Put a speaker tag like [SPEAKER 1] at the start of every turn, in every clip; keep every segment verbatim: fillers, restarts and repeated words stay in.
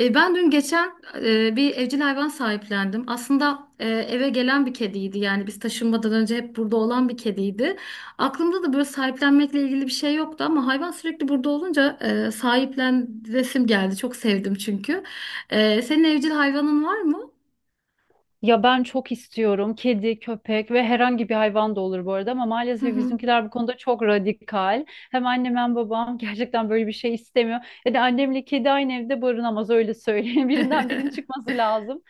[SPEAKER 1] E, ben dün geçen e, bir evcil hayvan sahiplendim. Aslında e, eve gelen bir kediydi. Yani biz taşınmadan önce hep burada olan bir kediydi. Aklımda da böyle sahiplenmekle ilgili bir şey yoktu ama hayvan sürekli burada olunca e, sahiplen resim geldi. Çok sevdim çünkü. E, senin evcil hayvanın var mı?
[SPEAKER 2] Ya ben çok istiyorum kedi, köpek ve herhangi bir hayvan da olur bu arada ama
[SPEAKER 1] Hı
[SPEAKER 2] maalesef
[SPEAKER 1] hı.
[SPEAKER 2] bizimkiler bu konuda çok radikal. Hem annem hem babam gerçekten böyle bir şey istemiyor. Ya da annemle kedi aynı evde barınamaz öyle söyleyeyim. Birinden birinin çıkması lazım.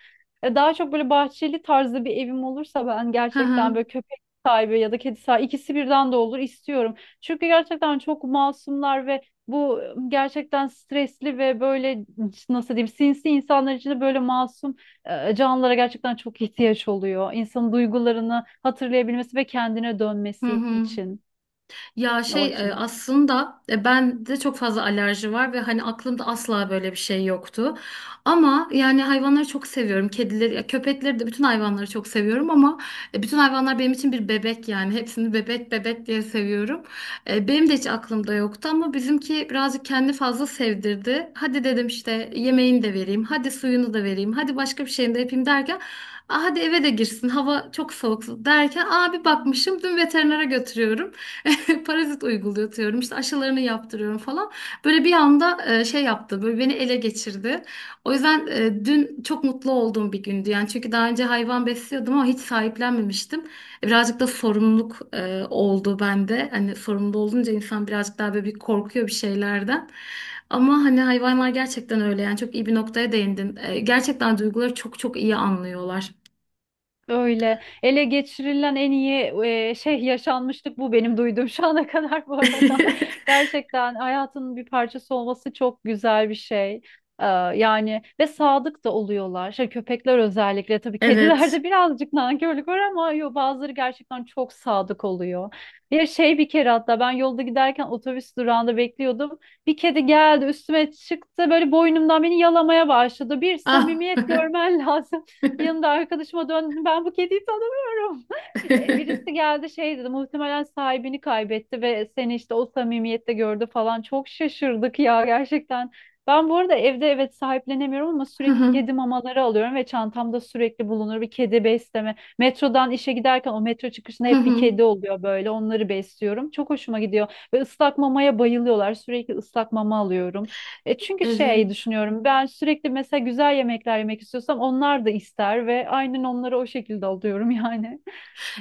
[SPEAKER 2] E, Daha çok böyle bahçeli tarzda bir evim olursa ben
[SPEAKER 1] Hı
[SPEAKER 2] gerçekten
[SPEAKER 1] hı.
[SPEAKER 2] böyle köpek sahibi ya da kedi sahibi ikisi birden de olur istiyorum. Çünkü gerçekten çok masumlar ve bu gerçekten stresli ve böyle nasıl diyeyim sinsi insanlar için de böyle masum e, canlılara gerçekten çok ihtiyaç oluyor. İnsanın duygularını hatırlayabilmesi ve kendine
[SPEAKER 1] Hı
[SPEAKER 2] dönmesi
[SPEAKER 1] hı.
[SPEAKER 2] için
[SPEAKER 1] Ya
[SPEAKER 2] o
[SPEAKER 1] şey e,
[SPEAKER 2] açıdan.
[SPEAKER 1] aslında e, ben de çok fazla alerji var ve hani aklımda asla böyle bir şey yoktu. Ama yani hayvanları çok seviyorum. Kedileri, ya köpekleri de, bütün hayvanları çok seviyorum ama e, bütün hayvanlar benim için bir bebek yani. Hepsini bebek bebek diye seviyorum. E, Benim de hiç aklımda yoktu ama bizimki birazcık kendi fazla sevdirdi. Hadi dedim, işte yemeğini de vereyim, hadi suyunu da vereyim, hadi başka bir şeyini de yapayım derken, Aa, hadi eve de girsin, hava çok soğuk derken, abi bakmışım dün veterinere götürüyorum. Parazit uygulatıyorum, işte aşılarını yaptırıyorum falan. Böyle bir anda e, şey yaptı, böyle beni ele geçirdi. O yüzden e, dün çok mutlu olduğum bir gündü yani, çünkü daha önce hayvan besliyordum ama hiç sahiplenmemiştim. E, Birazcık da sorumluluk e, oldu bende. Hani sorumlu olunca insan birazcık daha böyle bir korkuyor bir şeylerden. Ama hani hayvanlar gerçekten öyle yani, çok iyi bir noktaya değindin. E, gerçekten duyguları çok çok iyi anlıyorlar.
[SPEAKER 2] Öyle ele geçirilen en iyi e, şey yaşanmışlık bu benim duyduğum şu ana kadar bu arada. Gerçekten hayatının bir parçası olması çok güzel bir şey. Ee, yani ve sadık da oluyorlar. Şey, köpekler özellikle tabii
[SPEAKER 1] Evet.
[SPEAKER 2] kedilerde birazcık nankörlük var ama yo, bazıları gerçekten çok sadık oluyor. Bir şey bir kere hatta ben yolda giderken otobüs durağında bekliyordum. Bir kedi geldi üstüme çıktı böyle boynumdan beni yalamaya başladı. Bir
[SPEAKER 1] Ah.
[SPEAKER 2] samimiyet görmen lazım. Yanımda arkadaşıma döndüm. Ben bu kediyi tanımıyorum. E, Birisi geldi şey dedi. Muhtemelen sahibini kaybetti ve seni işte o samimiyette gördü falan. Çok şaşırdık ya gerçekten. Ben bu arada evde evet sahiplenemiyorum ama
[SPEAKER 1] Hı
[SPEAKER 2] sürekli
[SPEAKER 1] hı,
[SPEAKER 2] kedi mamaları alıyorum ve çantamda sürekli bulunur bir kedi besleme. Metrodan işe giderken o metro çıkışında
[SPEAKER 1] hı
[SPEAKER 2] hep bir
[SPEAKER 1] hı.
[SPEAKER 2] kedi oluyor böyle onları besliyorum. Çok hoşuma gidiyor ve ıslak mamaya bayılıyorlar sürekli ıslak mama alıyorum. E çünkü şey
[SPEAKER 1] Evet.
[SPEAKER 2] düşünüyorum ben sürekli mesela güzel yemekler yemek istiyorsam onlar da ister ve aynen onları o şekilde alıyorum yani.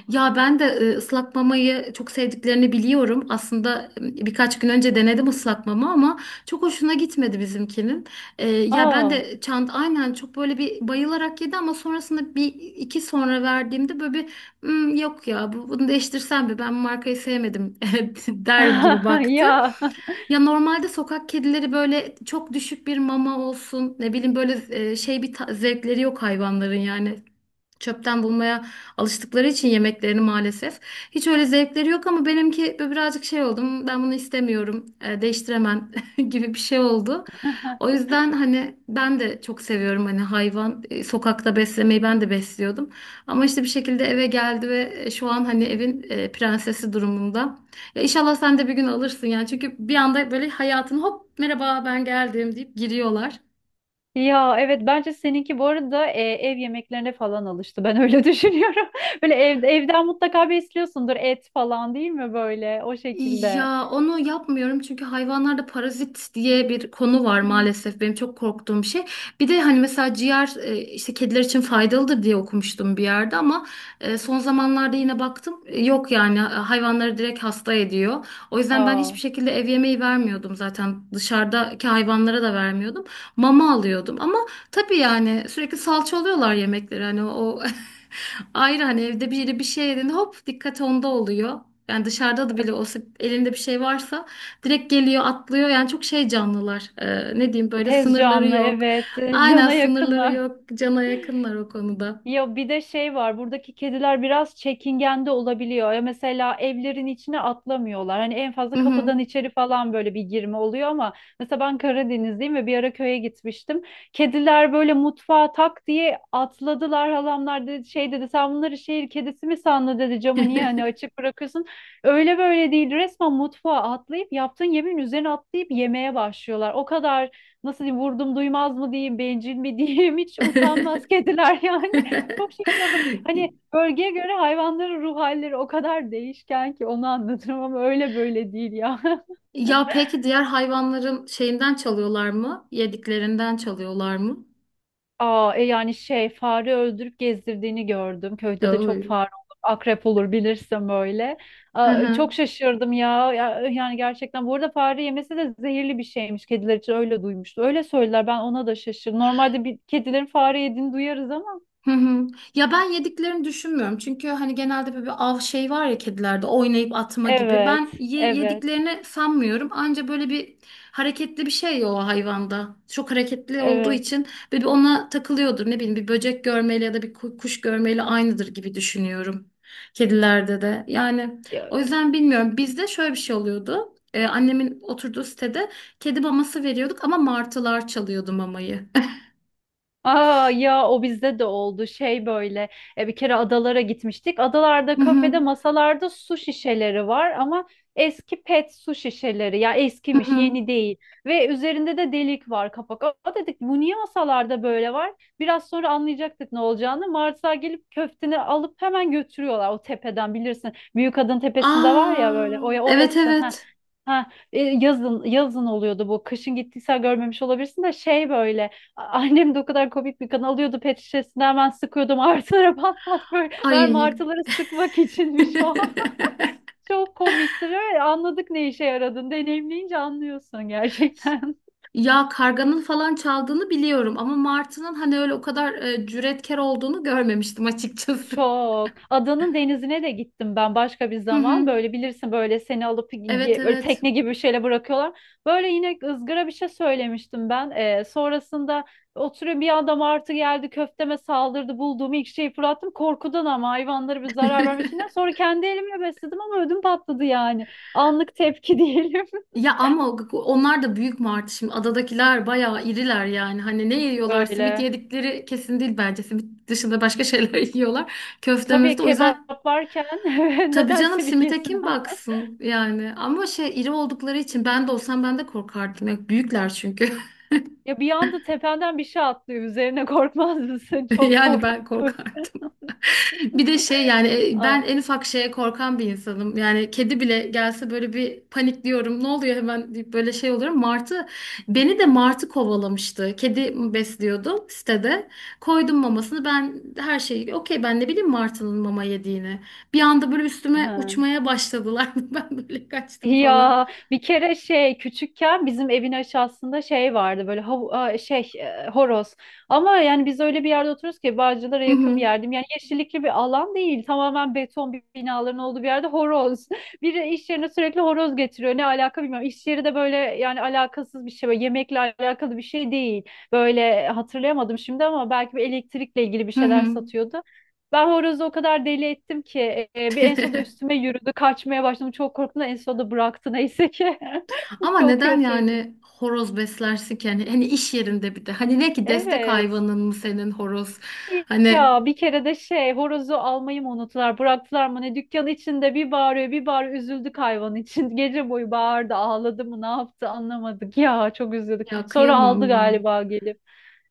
[SPEAKER 1] Ya ben de e, ıslak mamayı çok sevdiklerini biliyorum. Aslında e, birkaç gün önce denedim ıslak mama ama çok hoşuna gitmedi bizimkinin. E, ya ben
[SPEAKER 2] Aa
[SPEAKER 1] de çant aynen çok böyle bir bayılarak yedi ama sonrasında bir iki sonra verdiğimde böyle bir, Hmm, yok ya, bu- bunu değiştirsem mi, ben bu markayı sevmedim, der gibi baktı.
[SPEAKER 2] ya
[SPEAKER 1] Ya normalde sokak kedileri böyle çok düşük bir mama olsun, ne bileyim, böyle e, şey bir ta- zevkleri yok hayvanların yani. Çöpten bulmaya alıştıkları için yemeklerini maalesef. Hiç öyle zevkleri yok ama benimki böyle birazcık şey oldum. Ben bunu istemiyorum, e, değiştiremem gibi bir şey oldu. O yüzden hani ben de çok seviyorum, hani hayvan e, sokakta beslemeyi, ben de besliyordum. Ama işte bir şekilde eve geldi ve e, şu an hani evin e, prensesi durumunda. Ya inşallah sen de bir gün alırsın yani, çünkü bir anda böyle hayatın hop, merhaba ben geldim deyip giriyorlar.
[SPEAKER 2] ya evet bence seninki bu arada e, ev yemeklerine falan alıştı ben öyle düşünüyorum. Böyle ev, evden mutlaka bir istiyorsundur et falan değil mi böyle o şekilde.
[SPEAKER 1] Ya onu yapmıyorum çünkü hayvanlarda parazit diye bir konu var,
[SPEAKER 2] Hmm.
[SPEAKER 1] maalesef benim çok korktuğum bir şey. Bir de hani mesela ciğer e, işte kediler için faydalıdır diye okumuştum bir yerde ama e, son zamanlarda yine baktım, e, yok yani, e, hayvanları direkt hasta ediyor. O yüzden ben hiçbir
[SPEAKER 2] Aa
[SPEAKER 1] şekilde ev yemeği vermiyordum, zaten dışarıdaki hayvanlara da vermiyordum. Mama alıyordum ama tabii yani sürekli salça oluyorlar yemekleri, hani o ayrı, hani evde biri bir şey yediğinde hop, dikkat onda oluyor. Yani dışarıda da bile olsa elinde bir şey varsa direkt geliyor, atlıyor. Yani çok şey canlılar. Ee, ne diyeyim, böyle
[SPEAKER 2] tez
[SPEAKER 1] sınırları
[SPEAKER 2] canlı
[SPEAKER 1] yok.
[SPEAKER 2] evet.
[SPEAKER 1] Aynen,
[SPEAKER 2] Cana
[SPEAKER 1] sınırları
[SPEAKER 2] yakınlar.
[SPEAKER 1] yok. Cana yakınlar o konuda.
[SPEAKER 2] Ya bir de şey var buradaki kediler biraz çekingen de olabiliyor. Ya mesela evlerin içine atlamıyorlar. Hani en fazla
[SPEAKER 1] Hı hı.
[SPEAKER 2] kapıdan içeri falan böyle bir girme oluyor ama mesela ben Karadenizliyim ve bir ara köye gitmiştim. Kediler böyle mutfağa tak diye atladılar. Halamlar dedi, şey dedi sen bunları şehir kedisi mi sandın dedi camı niye hani açık bırakıyorsun. Öyle böyle değil resmen mutfağa atlayıp yaptığın yemeğin üzerine atlayıp yemeye başlıyorlar. O kadar nasıl diyeyim vurdum duymaz mı diyeyim bencil mi diyeyim hiç utanmaz kediler yani. Çok şaşırdım. Hani bölgeye göre hayvanların ruh halleri o kadar değişken ki onu anlatırım ama öyle böyle değil ya.
[SPEAKER 1] Ya peki diğer hayvanların şeyinden çalıyorlar mı? Yediklerinden çalıyorlar mı?
[SPEAKER 2] Aa, e yani şey fare öldürüp gezdirdiğini gördüm. Köyde de çok
[SPEAKER 1] Oy.
[SPEAKER 2] fare olur, akrep olur bilirsem öyle. Aa, çok şaşırdım ya. Ya, yani gerçekten bu arada fare yemesi de zehirli bir şeymiş. Kediler için öyle duymuştu. Öyle söylediler ben ona da şaşırdım. Normalde bir kedilerin fare yediğini duyarız ama.
[SPEAKER 1] Hı hı. Ya ben yediklerini düşünmüyorum. Çünkü hani genelde böyle bir av şey var ya kedilerde, oynayıp atma gibi.
[SPEAKER 2] Evet,
[SPEAKER 1] Ben ye-
[SPEAKER 2] evet,
[SPEAKER 1] yediklerini sanmıyorum. Anca böyle bir hareketli bir şey ya o hayvanda. Çok hareketli olduğu
[SPEAKER 2] evet.
[SPEAKER 1] için böyle bir ona takılıyordur. Ne bileyim, bir böcek görmeyle ya da bir ku- kuş görmeyle aynıdır gibi düşünüyorum. Kedilerde de. Yani o yüzden bilmiyorum. Bizde şöyle bir şey oluyordu. Ee, annemin oturduğu sitede kedi maması veriyorduk ama martılar çalıyordu mamayı.
[SPEAKER 2] Aa ya o bizde de oldu şey böyle e, bir kere adalara gitmiştik. Adalarda
[SPEAKER 1] Hı hı.
[SPEAKER 2] kafede masalarda su şişeleri var ama eski pet su şişeleri ya
[SPEAKER 1] Hı
[SPEAKER 2] eskimiş
[SPEAKER 1] hı.
[SPEAKER 2] yeni değil ve üzerinde de delik var kapak. Aa dedik bu niye masalarda böyle var? Biraz sonra anlayacaktık ne olacağını. Martılar gelip köfteni alıp hemen götürüyorlar o tepeden bilirsin. Büyük Adın tepesinde var ya böyle o
[SPEAKER 1] Aa, evet
[SPEAKER 2] orası. Ha.
[SPEAKER 1] evet.
[SPEAKER 2] Ha, e, yazın yazın oluyordu bu. Kışın gittiysen görmemiş olabilirsin de şey böyle. Annem de o kadar komik bir kan alıyordu pet şişesinden hemen sıkıyordum artılara pat pat böyle mermi
[SPEAKER 1] Ay.
[SPEAKER 2] artıları sıkmak içinmiş o. Çok komiktir. Evet, anladık ne işe yaradığını deneyimleyince anlıyorsun gerçekten.
[SPEAKER 1] Ya karganın falan çaldığını biliyorum ama martının hani öyle o kadar e, cüretkar olduğunu görmemiştim açıkçası.
[SPEAKER 2] Çok. Adanın denizine de gittim ben başka bir
[SPEAKER 1] Hı hı.
[SPEAKER 2] zaman. Böyle bilirsin böyle seni alıp
[SPEAKER 1] Evet
[SPEAKER 2] ge- böyle
[SPEAKER 1] evet.
[SPEAKER 2] tekne gibi bir şeyle bırakıyorlar. Böyle yine ızgara bir şey söylemiştim ben. Ee, sonrasında oturuyor bir adam artı geldi köfteme saldırdı. Bulduğum ilk şeyi fırlattım. Korkudan ama hayvanlara bir zarar vermişinden. Sonra kendi elimle besledim ama ödüm patladı yani. Anlık tepki diyelim.
[SPEAKER 1] Ya ama o- onlar da büyük martı, şimdi adadakiler bayağı iriler yani, hani ne yiyorlar, simit
[SPEAKER 2] Öyle.
[SPEAKER 1] yedikleri kesin değil bence, simit dışında başka şeyler yiyorlar, köfte
[SPEAKER 2] Tabii
[SPEAKER 1] möfte, o yüzden.
[SPEAKER 2] kebap varken
[SPEAKER 1] Tabii
[SPEAKER 2] neden
[SPEAKER 1] canım,
[SPEAKER 2] simit
[SPEAKER 1] simite
[SPEAKER 2] yesin.
[SPEAKER 1] kim baksın yani, ama şey iri oldukları için ben de olsam ben de korkardım. Ya, büyükler çünkü.
[SPEAKER 2] Ya bir anda tependen bir şey atlıyor. Üzerine korkmaz mısın? Çok
[SPEAKER 1] Yani ben
[SPEAKER 2] korkunç.
[SPEAKER 1] korkardım. Bir de şey yani e, ben
[SPEAKER 2] Ay.
[SPEAKER 1] en ufak şeye korkan bir insanım. Yani kedi bile gelse böyle bir panikliyorum, ne oluyor hemen deyip böyle şey oluyorum. Martı beni de, martı kovalamıştı. Kedi besliyordum sitede, koydum mamasını, ben her şeyi okey, ben ne bileyim martının mama yediğini. Bir anda böyle üstüme
[SPEAKER 2] Ha.
[SPEAKER 1] uçmaya başladılar, ben böyle kaçtım falan.
[SPEAKER 2] Ya bir kere şey küçükken bizim evin aşağısında şey vardı böyle hav a, şey e, horoz ama yani biz öyle bir yerde oturuyoruz ki Bağcılar'a yakın bir yerdim yani yeşillikli bir alan değil tamamen beton bir binaların olduğu bir yerde horoz biri iş yerine sürekli horoz getiriyor ne alaka bilmiyorum iş yeri de böyle yani alakasız bir şey böyle yemekle alakalı bir şey değil böyle hatırlayamadım şimdi ama belki bir elektrikle ilgili bir
[SPEAKER 1] Hı
[SPEAKER 2] şeyler
[SPEAKER 1] hı.
[SPEAKER 2] satıyordu ben horozu o kadar deli ettim ki e, bir en sonunda üstüme yürüdü. Kaçmaya başladım. Çok korktum da en sonunda bıraktı neyse ki.
[SPEAKER 1] Ama
[SPEAKER 2] Çok
[SPEAKER 1] neden
[SPEAKER 2] kötüydü.
[SPEAKER 1] yani horoz beslersin ki? Yani, hani iş yerinde bir de. Hani ne ki, destek
[SPEAKER 2] Evet.
[SPEAKER 1] hayvanın mı senin horoz? Hani,
[SPEAKER 2] Ya bir kere de şey horozu almayı mı unuttular bıraktılar mı ne dükkan içinde bir bağırıyor bir bağırıyor üzüldük hayvan için gece boyu bağırdı ağladı mı ne yaptı anlamadık ya çok üzüldük
[SPEAKER 1] ya
[SPEAKER 2] sonra
[SPEAKER 1] kıyamam
[SPEAKER 2] aldı
[SPEAKER 1] ya.
[SPEAKER 2] galiba gelip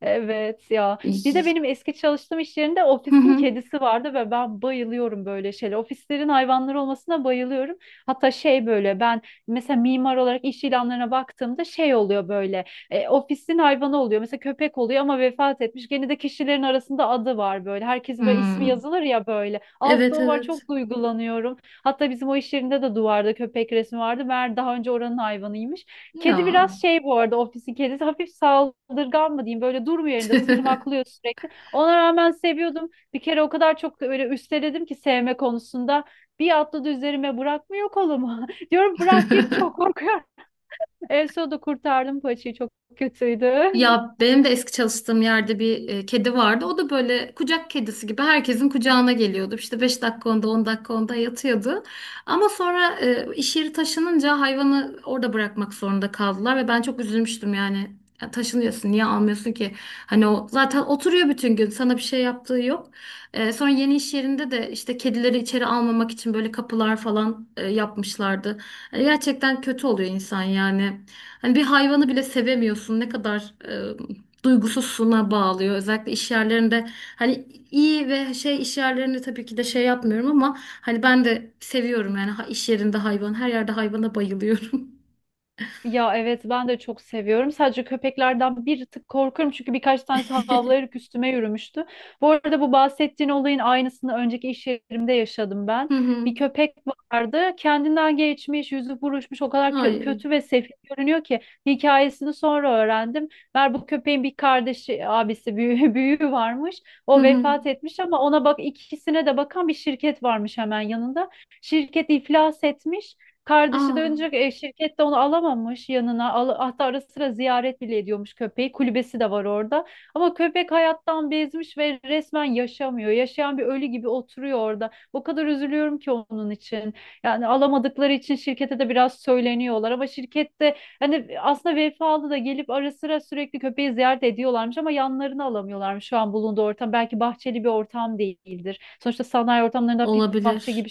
[SPEAKER 2] evet ya bir de
[SPEAKER 1] İy.
[SPEAKER 2] benim eski çalıştığım iş yerinde
[SPEAKER 1] Hı
[SPEAKER 2] ofisin
[SPEAKER 1] hı.
[SPEAKER 2] kedisi vardı ve ben bayılıyorum böyle şeyler ofislerin hayvanları olmasına bayılıyorum hatta şey böyle ben mesela mimar olarak iş ilanlarına baktığımda şey oluyor böyle e, ofisin hayvanı oluyor. Mesela köpek oluyor ama vefat etmiş. Gene de kişilerin arasında adı var böyle. Herkesin böyle ismi
[SPEAKER 1] Hmm.
[SPEAKER 2] yazılır ya böyle. Altta
[SPEAKER 1] Evet
[SPEAKER 2] o var
[SPEAKER 1] evet.
[SPEAKER 2] çok duygulanıyorum. Hatta bizim o iş yerinde de duvarda köpek resmi vardı. Meğer daha önce oranın hayvanıymış. Kedi
[SPEAKER 1] Ya.
[SPEAKER 2] biraz şey bu arada ofisin kedisi. Hafif saldırgan mı diyeyim. Böyle durmuyor yerinde tırmaklıyor sürekli. Ona rağmen seviyordum. Bir kere o kadar çok böyle üsteledim ki sevme konusunda. Bir atladı üzerime bırakmıyor kolumu. Diyorum bırak git çok korkuyorum. En sonunda kurtardım paçayı çok kötüydü.
[SPEAKER 1] Ya benim de eski çalıştığım yerde bir e, kedi vardı. O da böyle kucak kedisi gibi herkesin kucağına geliyordu. İşte beş dakika onda, on dakika onda yatıyordu. Ama sonra e, iş yeri taşınınca hayvanı orada bırakmak zorunda kaldılar ve ben çok üzülmüştüm yani. Ya taşınıyorsun, niye almıyorsun ki? Hani o zaten oturuyor bütün gün, sana bir şey yaptığı yok. E, sonra yeni iş yerinde de işte kedileri içeri almamak için böyle kapılar falan e, yapmışlardı. Hani gerçekten kötü oluyor insan yani. Hani bir hayvanı bile sevemiyorsun. Ne kadar e, duygusuzluğuna bağlıyor. Özellikle iş yerlerinde, hani iyi ve şey iş yerlerinde tabii ki de şey yapmıyorum, ama hani ben de seviyorum yani, ha- iş yerinde hayvan. Her yerde hayvana bayılıyorum.
[SPEAKER 2] Ya evet ben de çok seviyorum. Sadece köpeklerden bir tık korkuyorum çünkü birkaç tanesi havlayarak üstüme yürümüştü. Bu arada bu bahsettiğin olayın aynısını önceki iş yerimde yaşadım ben.
[SPEAKER 1] Hı hı.
[SPEAKER 2] Bir köpek vardı kendinden geçmiş, yüzü buruşmuş o kadar kö-
[SPEAKER 1] Ay.
[SPEAKER 2] kötü ve sefil görünüyor ki hikayesini sonra öğrendim. Meğer bu köpeğin bir kardeşi, abisi, büyüğü, büyüğü varmış.
[SPEAKER 1] Hı
[SPEAKER 2] O
[SPEAKER 1] hı.
[SPEAKER 2] vefat etmiş ama ona bak ikisine de bakan bir şirket varmış hemen yanında. Şirket iflas etmiş. Kardeşi
[SPEAKER 1] Aa,
[SPEAKER 2] dönecek e, şirket de onu alamamış yanına. Al, hatta ara sıra ziyaret bile ediyormuş köpeği. Kulübesi de var orada. Ama köpek hayattan bezmiş ve resmen yaşamıyor. Yaşayan bir ölü gibi oturuyor orada. O kadar üzülüyorum ki onun için. Yani alamadıkları için şirkete de biraz söyleniyorlar ama şirkette hani aslında vefalı da gelip ara sıra sürekli köpeği ziyaret ediyorlarmış ama yanlarını alamıyorlarmış şu an bulunduğu ortam. Belki bahçeli bir ortam değildir. Sonuçta sanayi ortamlarında hafif bahçe gibi
[SPEAKER 1] olabilir.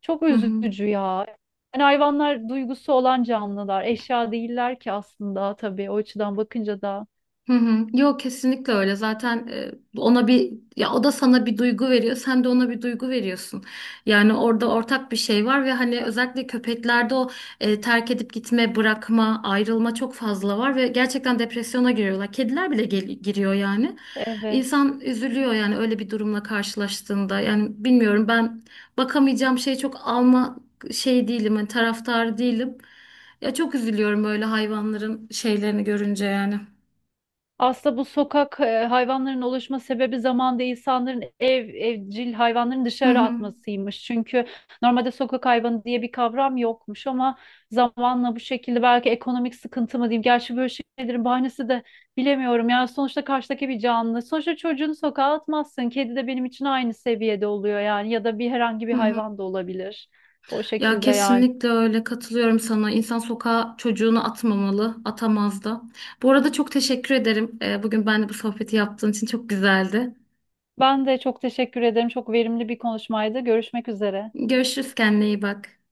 [SPEAKER 2] çok
[SPEAKER 1] Hı hı.
[SPEAKER 2] üzücü ya. Yani hayvanlar duygusu olan canlılar. Eşya değiller ki aslında tabii o açıdan bakınca da.
[SPEAKER 1] Hı hı. Yok, kesinlikle öyle. Zaten e, ona bir, ya o da sana bir duygu veriyor, sen de ona bir duygu veriyorsun. Yani orada ortak bir şey var ve hani özellikle köpeklerde o e, terk edip gitme, bırakma, ayrılma çok fazla var ve gerçekten depresyona giriyorlar. Kediler bile gel- giriyor yani.
[SPEAKER 2] Evet.
[SPEAKER 1] İnsan üzülüyor yani öyle bir durumla karşılaştığında. Yani bilmiyorum, ben bakamayacağım, şey çok alma şey değilim, hani taraftar değilim. Ya çok üzülüyorum böyle hayvanların şeylerini görünce yani.
[SPEAKER 2] Aslında bu sokak e, hayvanların oluşma sebebi zamanda insanların ev evcil hayvanların
[SPEAKER 1] Hı
[SPEAKER 2] dışarı
[SPEAKER 1] hı.
[SPEAKER 2] atmasıymış. Çünkü normalde sokak hayvanı diye bir kavram yokmuş ama zamanla bu şekilde belki ekonomik sıkıntı mı diyeyim. Gerçi böyle şeylerin bahanesi de bilemiyorum. Yani sonuçta karşıdaki bir canlı. Sonuçta çocuğunu sokağa atmazsın. Kedi de benim için aynı seviyede oluyor yani ya da bir herhangi bir
[SPEAKER 1] Hı hı.
[SPEAKER 2] hayvan da olabilir. O
[SPEAKER 1] Ya
[SPEAKER 2] şekilde yani.
[SPEAKER 1] kesinlikle öyle, katılıyorum sana. İnsan sokağa çocuğunu atmamalı, atamaz da. Bu arada çok teşekkür ederim. Ee, Bugün ben de bu sohbeti yaptığın için çok güzeldi.
[SPEAKER 2] Ben de çok teşekkür ederim. Çok verimli bir konuşmaydı. Görüşmek üzere.
[SPEAKER 1] Görüşürüz, kendine iyi bak.